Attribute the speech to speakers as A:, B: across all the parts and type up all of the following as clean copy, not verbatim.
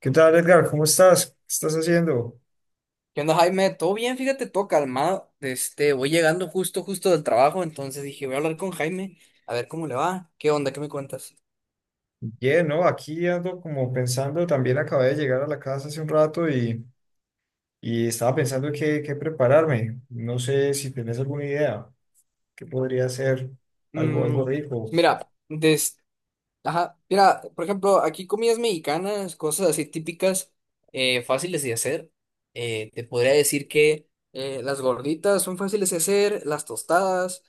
A: ¿Qué tal, Edgar? ¿Cómo estás? ¿Qué estás haciendo?
B: ¿Qué onda, Jaime? Todo bien, fíjate, todo calmado. Este, voy llegando justo del trabajo, entonces dije, voy a hablar con Jaime, a ver cómo le va. ¿Qué onda? ¿Qué me cuentas?
A: Bien, ¿no? Aquí ando como pensando, también acabé de llegar a la casa hace un rato y estaba pensando qué prepararme. No sé si tenés alguna idea, qué podría ser algo
B: Mm,
A: rico.
B: mira. Ajá, mira, por ejemplo, aquí comidas mexicanas, cosas así típicas, fáciles de hacer. Te podría decir que las gorditas son fáciles de hacer, las tostadas,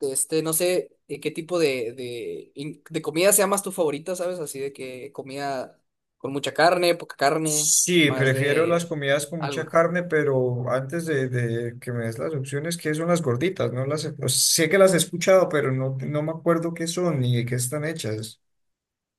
B: este, no sé, qué tipo de comida sea más tu favorita, ¿sabes? Así de que comida con mucha carne, poca carne,
A: Sí,
B: más
A: prefiero las
B: de
A: comidas con mucha
B: algo.
A: carne, pero de que me des las opciones, ¿qué son las gorditas? No las, he- O sea, sé que las he escuchado, pero no me acuerdo qué son ni de qué están hechas.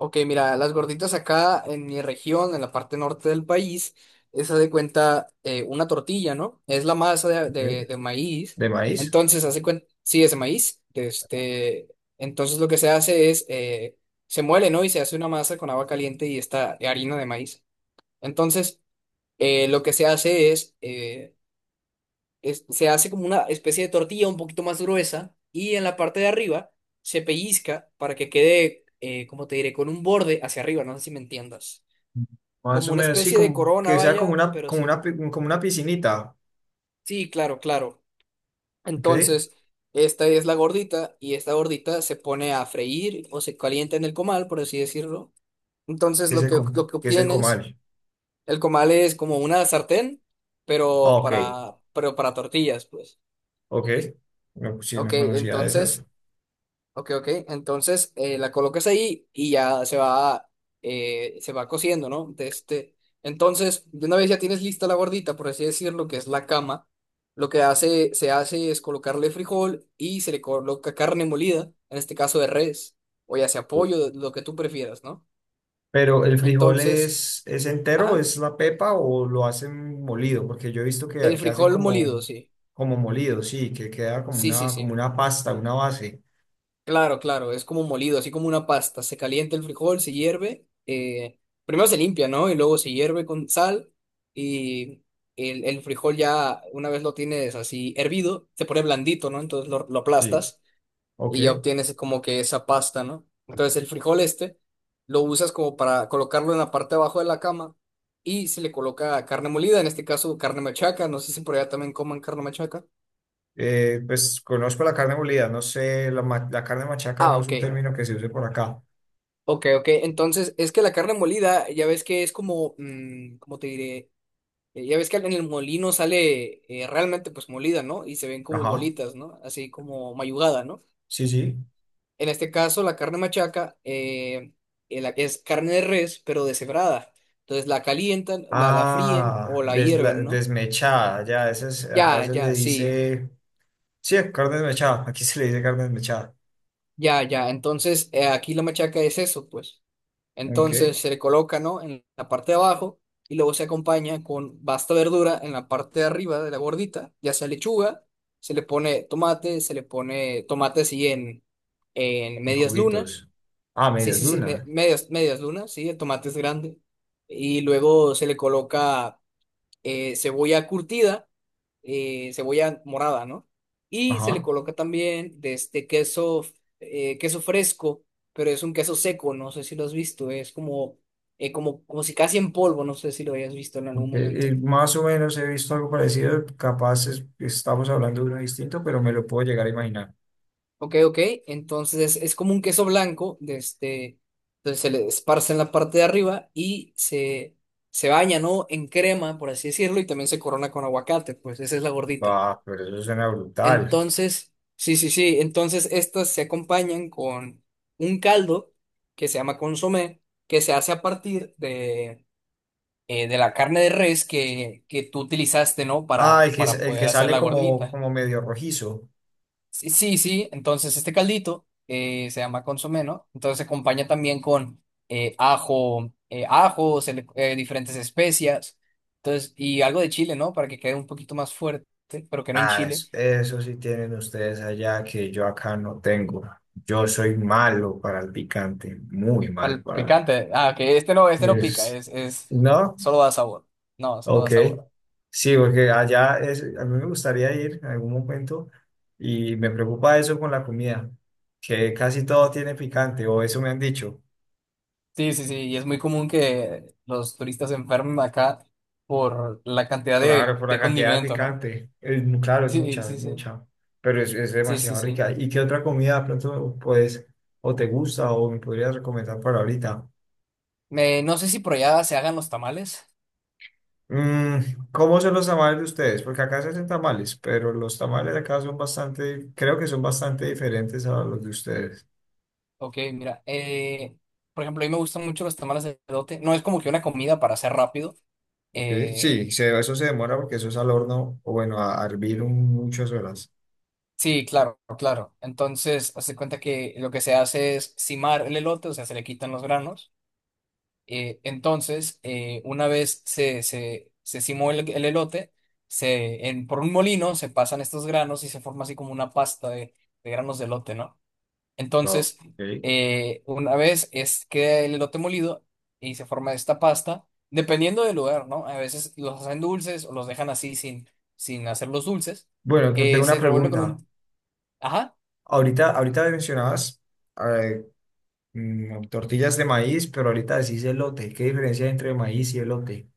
B: Ok, mira, las gorditas acá en mi región, en la parte norte del país, es haz de cuenta, una tortilla, ¿no? Es la masa
A: Ok.
B: de maíz.
A: ¿De maíz?
B: Entonces, hace cuenta, sí, es de maíz. De Este, entonces, lo que se hace es, se muele, ¿no? Y se hace una masa con agua caliente y esta harina de maíz. Entonces, lo que se hace es, se hace como una especie de tortilla un poquito más gruesa y en la parte de arriba se pellizca para que quede, como te diré, con un borde hacia arriba, no sé si me entiendas.
A: Más
B: Como
A: o
B: una
A: menos, sí,
B: especie de
A: como
B: corona,
A: que sea
B: vaya, pero
A: como
B: sí.
A: una, pi- como una piscinita,
B: Sí, claro, claro.
A: ¿ok? Que
B: Entonces, esta es la gordita y esta gordita se pone a freír o se calienta en el comal, por así decirlo. Entonces, lo que
A: que es el
B: obtienes,
A: comal.
B: el comal es como una sartén,
A: Ah, ok,
B: pero para tortillas, pues.
A: ok. No, pues sí,
B: Ok,
A: no conocía de esas.
B: entonces Ok, ok. Entonces, la colocas ahí y ya se va cociendo, ¿no? De este... Entonces, de una vez ya tienes lista la gordita, por así decirlo, que es la cama. Se hace es colocarle frijol y se le coloca carne molida, en este caso de res, o ya sea pollo, lo que tú prefieras, ¿no?
A: Pero el frijol
B: Entonces,
A: es entero,
B: ajá,
A: es la pepa o lo hacen molido, porque yo he visto
B: el
A: que hacen
B: frijol molido,
A: como,
B: sí.
A: como molido, sí, que queda
B: Sí, sí,
A: como
B: sí.
A: una pasta, una base.
B: Claro, claro, es como molido, así como una pasta. Se calienta el frijol, se hierve. Primero se limpia, ¿no? Y luego se hierve con sal. Y el frijol ya, una vez lo tienes así hervido, se pone blandito, ¿no? Entonces lo
A: Sí.
B: aplastas
A: Ok.
B: y ya obtienes como que esa pasta, ¿no? Entonces el frijol este lo usas como para colocarlo en la parte de abajo de la cama y se le coloca carne molida, en este caso carne machaca. No sé si por allá también coman carne machaca.
A: Pues conozco la carne molida, no sé, la carne machaca
B: Ah,
A: no es
B: ok.
A: un término que se use por acá.
B: Ok, ok. Entonces, es que la carne molida, ya ves que es como, ¿cómo te diré? Ya ves que en el molino sale, realmente pues molida, ¿no? Y se ven como
A: Ajá.
B: bolitas, ¿no? Así como mayugada, ¿no?
A: Sí, sí.
B: En este caso, la carne machaca, es carne de res, pero deshebrada. Entonces la calientan, la fríen
A: Ah,
B: o la
A: des- la-
B: hierven, ¿no?
A: desmechada, ya, esa es, acá
B: Ya,
A: se le
B: ya, sí.
A: dice, sí, carne desmechada, aquí se le dice carne desmechada.
B: Ya, ya. Entonces, aquí la machaca es eso, pues.
A: Ok,
B: Entonces
A: en
B: se le coloca, ¿no? En la parte de abajo y luego se acompaña con basta verdura en la parte de arriba de la gordita, ya sea lechuga, se le pone tomate, se le pone tomate así en medias lunas,
A: cubitos. Ah,
B: sí,
A: medias
B: sí, sí,
A: luna.
B: medias lunas, sí, el tomate es grande. Y luego se le coloca, cebolla curtida, cebolla morada, ¿no? Y se le
A: Ajá.
B: coloca también de este queso, queso fresco, pero es un queso seco, no sé si lo has visto, es como, como si casi en polvo, no sé si lo hayas visto en algún
A: Ok,
B: momento.
A: y más o menos he visto algo parecido, capaz estamos hablando de uno distinto, pero me lo puedo llegar a imaginar.
B: Ok, ok, entonces es como un queso blanco, de este, entonces se le esparce en la parte de arriba se baña, ¿no? En crema, por así decirlo, y también se corona con aguacate, pues esa es la gordita.
A: Va, pero eso suena brutal.
B: Entonces, sí, sí, sí, entonces estas se acompañan con un caldo que se llama consomé, que se hace a partir de la carne de res que tú utilizaste, ¿no?
A: Ah, el que,
B: Para
A: el
B: poder
A: que
B: hacer
A: sale
B: la
A: como,
B: gordita.
A: como medio rojizo.
B: Sí, sí, sí, entonces este caldito, se llama consomé, ¿no? Entonces se acompaña también con ajo, diferentes especias, entonces, y algo de chile, ¿no? Para que quede un poquito más fuerte, pero que no en.
A: Ah, eso sí tienen ustedes allá que yo acá no tengo. Yo soy malo para el picante, muy
B: Para
A: malo
B: el
A: para el picante.
B: picante. Ah, que este no pica,
A: Es-
B: es,
A: ¿No?
B: solo da sabor. No, solo da
A: Ok.
B: sabor.
A: Sí, porque allá es, a mí me gustaría ir en algún momento y me preocupa eso con la comida, que casi todo tiene picante, o eso me han dicho.
B: Sí, sí, sí, y es muy común que los turistas se enfermen acá por la cantidad
A: Claro, por la
B: de
A: cantidad de
B: condimento, ¿no?
A: picante. Es claro, es
B: Sí,
A: mucha, es
B: sí, sí,
A: mucha. Pero es
B: sí, sí,
A: demasiado
B: sí.
A: rica. ¿Y qué otra comida de pronto puedes o te gusta o me podrías recomendar para ahorita?
B: No sé si por allá se hagan los tamales.
A: Mm, ¿cómo son los tamales de ustedes? Porque acá se hacen tamales, pero los tamales de acá son bastante, creo que son bastante diferentes a los de ustedes.
B: Ok, mira, por ejemplo, a mí me gustan mucho los tamales de elote. No es como que una comida para hacer rápido.
A: Ok,
B: Eh,
A: sí, eso se demora porque eso es al horno o bueno, a hervir muchas horas.
B: sí, claro, claro. Entonces, hace cuenta que lo que se hace es cimar el elote, o sea, se le quitan los granos. Entonces, una vez se cimó el elote, por un molino se pasan estos granos y se forma así como una pasta de granos de elote, ¿no?
A: Ok.
B: Entonces, una vez es, queda el elote molido y se forma esta pasta, dependiendo del lugar, ¿no? A veces los hacen dulces o los dejan así sin, sin hacerlos dulces.
A: Bueno, tengo una
B: Se revuelve con
A: pregunta.
B: un... Ajá.
A: Ahorita mencionabas. eh, Tortillas de maíz, pero ahorita decís elote. ¿Qué diferencia hay entre maíz y elote?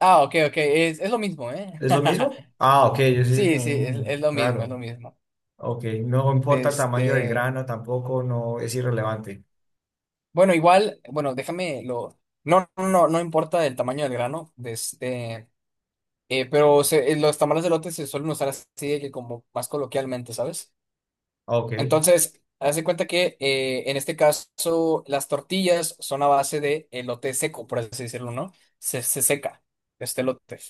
B: Ah, ok, ok, es lo mismo, ¿eh?
A: ¿Es lo mismo? Ah, ok, yo sí,
B: Sí,
A: como
B: sí, es lo mismo, es lo
A: raro.
B: mismo.
A: Ok, no importa el tamaño del
B: Este...
A: grano tampoco, no es irrelevante.
B: Bueno, igual, bueno, déjame lo. No, no, no, no importa el tamaño del grano, de este, los tamales de elote se suelen usar así de que como más coloquialmente, ¿sabes?
A: Ah, ok,
B: Entonces, haz de cuenta que, en este caso las tortillas son a base de elote seco, por así decirlo, ¿no? Se seca este elote.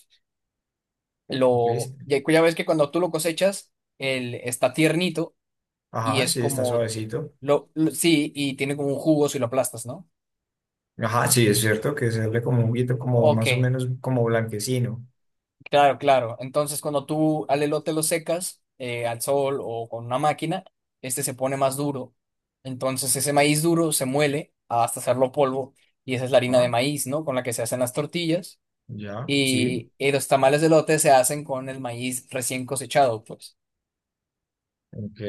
A: ¿ves?
B: Ya ves que cuando tú lo cosechas, él está tiernito y
A: Ajá,
B: es
A: sí, está
B: como,
A: suavecito.
B: sí, y tiene como un jugo si lo aplastas, ¿no?
A: Ajá, sí, es cierto que se ve como un guito, como
B: Ok.
A: más o menos como blanquecino.
B: Claro, claro. Entonces, cuando tú al elote lo secas, al sol o con una máquina, este se pone más duro. Entonces, ese maíz duro se muele hasta hacerlo polvo y esa es la harina de
A: Ah,
B: maíz, ¿no? Con la que se hacen las tortillas
A: ya, sí,
B: y los tamales de elote se hacen con el maíz recién cosechado, pues.
A: ok.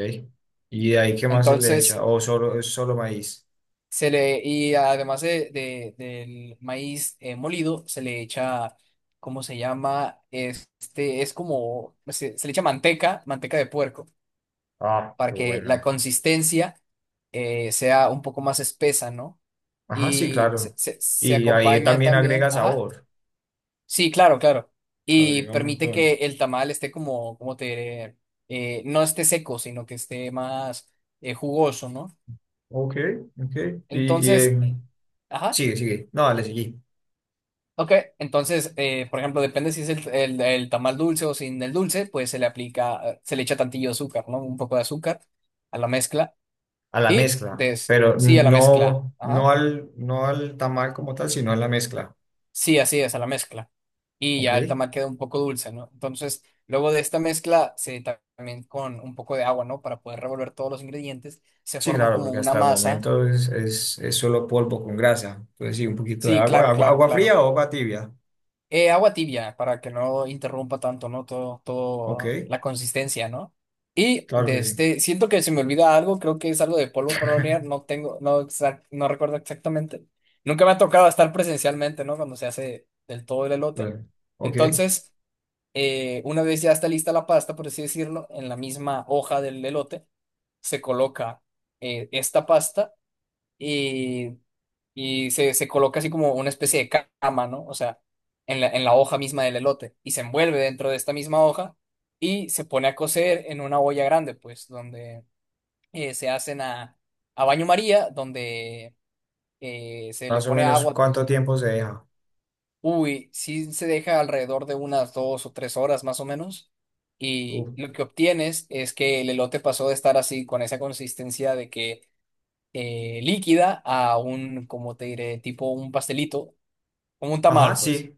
A: ¿Y de ahí qué más se le echa?
B: Entonces,
A: ¿O solo, es solo maíz?
B: se le y además del maíz, molido, se le echa. ¿Cómo se llama? Este es como, se le echa manteca, manteca de puerco,
A: Ah,
B: para
A: qué
B: que la
A: bueno.
B: consistencia, sea un poco más espesa, ¿no?
A: Ajá, sí,
B: Y
A: claro.
B: se
A: Y ahí
B: acompaña
A: también
B: también,
A: agrega
B: ajá,
A: sabor.
B: sí, claro, claro. Y
A: Agrega un
B: permite que
A: montón.
B: el tamal esté como, como te diré, no esté seco, sino que esté más, jugoso, ¿no?
A: Ok, ok. Y, y
B: Entonces,
A: en-
B: ajá,
A: Sigue, sigue. No, le seguí.
B: ok. Entonces, por ejemplo, depende si es el tamal dulce o sin el dulce, pues se le aplica, se le echa tantillo de azúcar, ¿no? Un poco de azúcar a la mezcla.
A: A la mezcla. Pero
B: Sí, a la mezcla.
A: no, no
B: Ajá.
A: al, no al tamal como tal, sino a la mezcla.
B: Sí, así es, a la mezcla. Y ya el
A: Ok.
B: tamal queda un poco dulce, ¿no? Entonces, luego de esta mezcla, también con un poco de agua, ¿no? Para poder revolver todos los ingredientes, se
A: Sí,
B: forma
A: claro,
B: como
A: porque
B: una
A: hasta el
B: masa.
A: momento es solo polvo con grasa. Entonces, sí, un poquito de
B: Sí,
A: agua.
B: claro,
A: ¿Agua,
B: claro,
A: agua
B: claro.
A: fría o agua tibia?
B: Agua tibia, para que no interrumpa tanto, ¿no?
A: Ok,
B: Todo la consistencia, ¿no? Y
A: claro
B: de
A: que sí.
B: este, siento que se me olvida algo, creo que es algo de polvo para hornear, no tengo, no, no recuerdo exactamente. Nunca me ha tocado estar presencialmente, ¿no? Cuando se hace del todo el elote.
A: Bueno, ok.
B: Entonces... una vez ya está lista la pasta, por así decirlo, en la misma hoja del elote, se coloca, esta pasta y, se coloca así como una especie de cama, ¿no? O sea, en la hoja misma del elote y se envuelve dentro de esta misma hoja y se pone a cocer en una olla grande, pues, donde, se hacen a baño María, donde, se le
A: Más o
B: pone
A: menos,
B: agua, pues.
A: ¿cuánto tiempo se deja?
B: Uy, sí se deja alrededor de unas 2 o 3 horas más o menos. Y
A: Uf.
B: lo que obtienes es que el elote pasó de estar así con esa consistencia de que, líquida a un, como te diré, tipo un pastelito, como un
A: Ajá,
B: tamal, pues.
A: sí.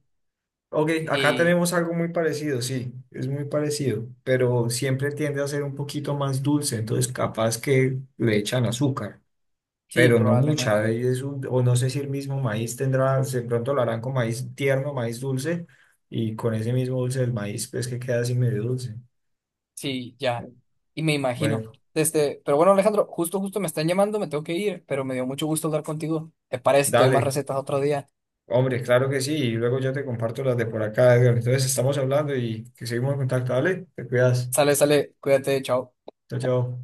A: Ok, acá
B: Y
A: tenemos algo muy parecido, sí, es muy parecido, pero siempre tiende a ser un poquito más dulce, entonces capaz que le echan azúcar,
B: sí,
A: pero no mucha,
B: probablemente.
A: ahí es o no sé si el mismo maíz tendrá, de pronto lo harán con maíz tierno, maíz dulce, y con ese mismo dulce del maíz, pues que queda así medio dulce.
B: Sí, ya. Y me imagino.
A: Bueno,
B: Este, pero bueno, Alejandro, justo me están llamando, me tengo que ir, pero me dio mucho gusto hablar contigo. ¿Te parece? Te doy más
A: dale,
B: recetas otro día.
A: hombre, claro que sí, y luego yo te comparto las de por acá, Edgar, entonces estamos hablando y que seguimos en contacto, dale, te cuidas,
B: Sale, sale, cuídate, chao.
A: chao, chao.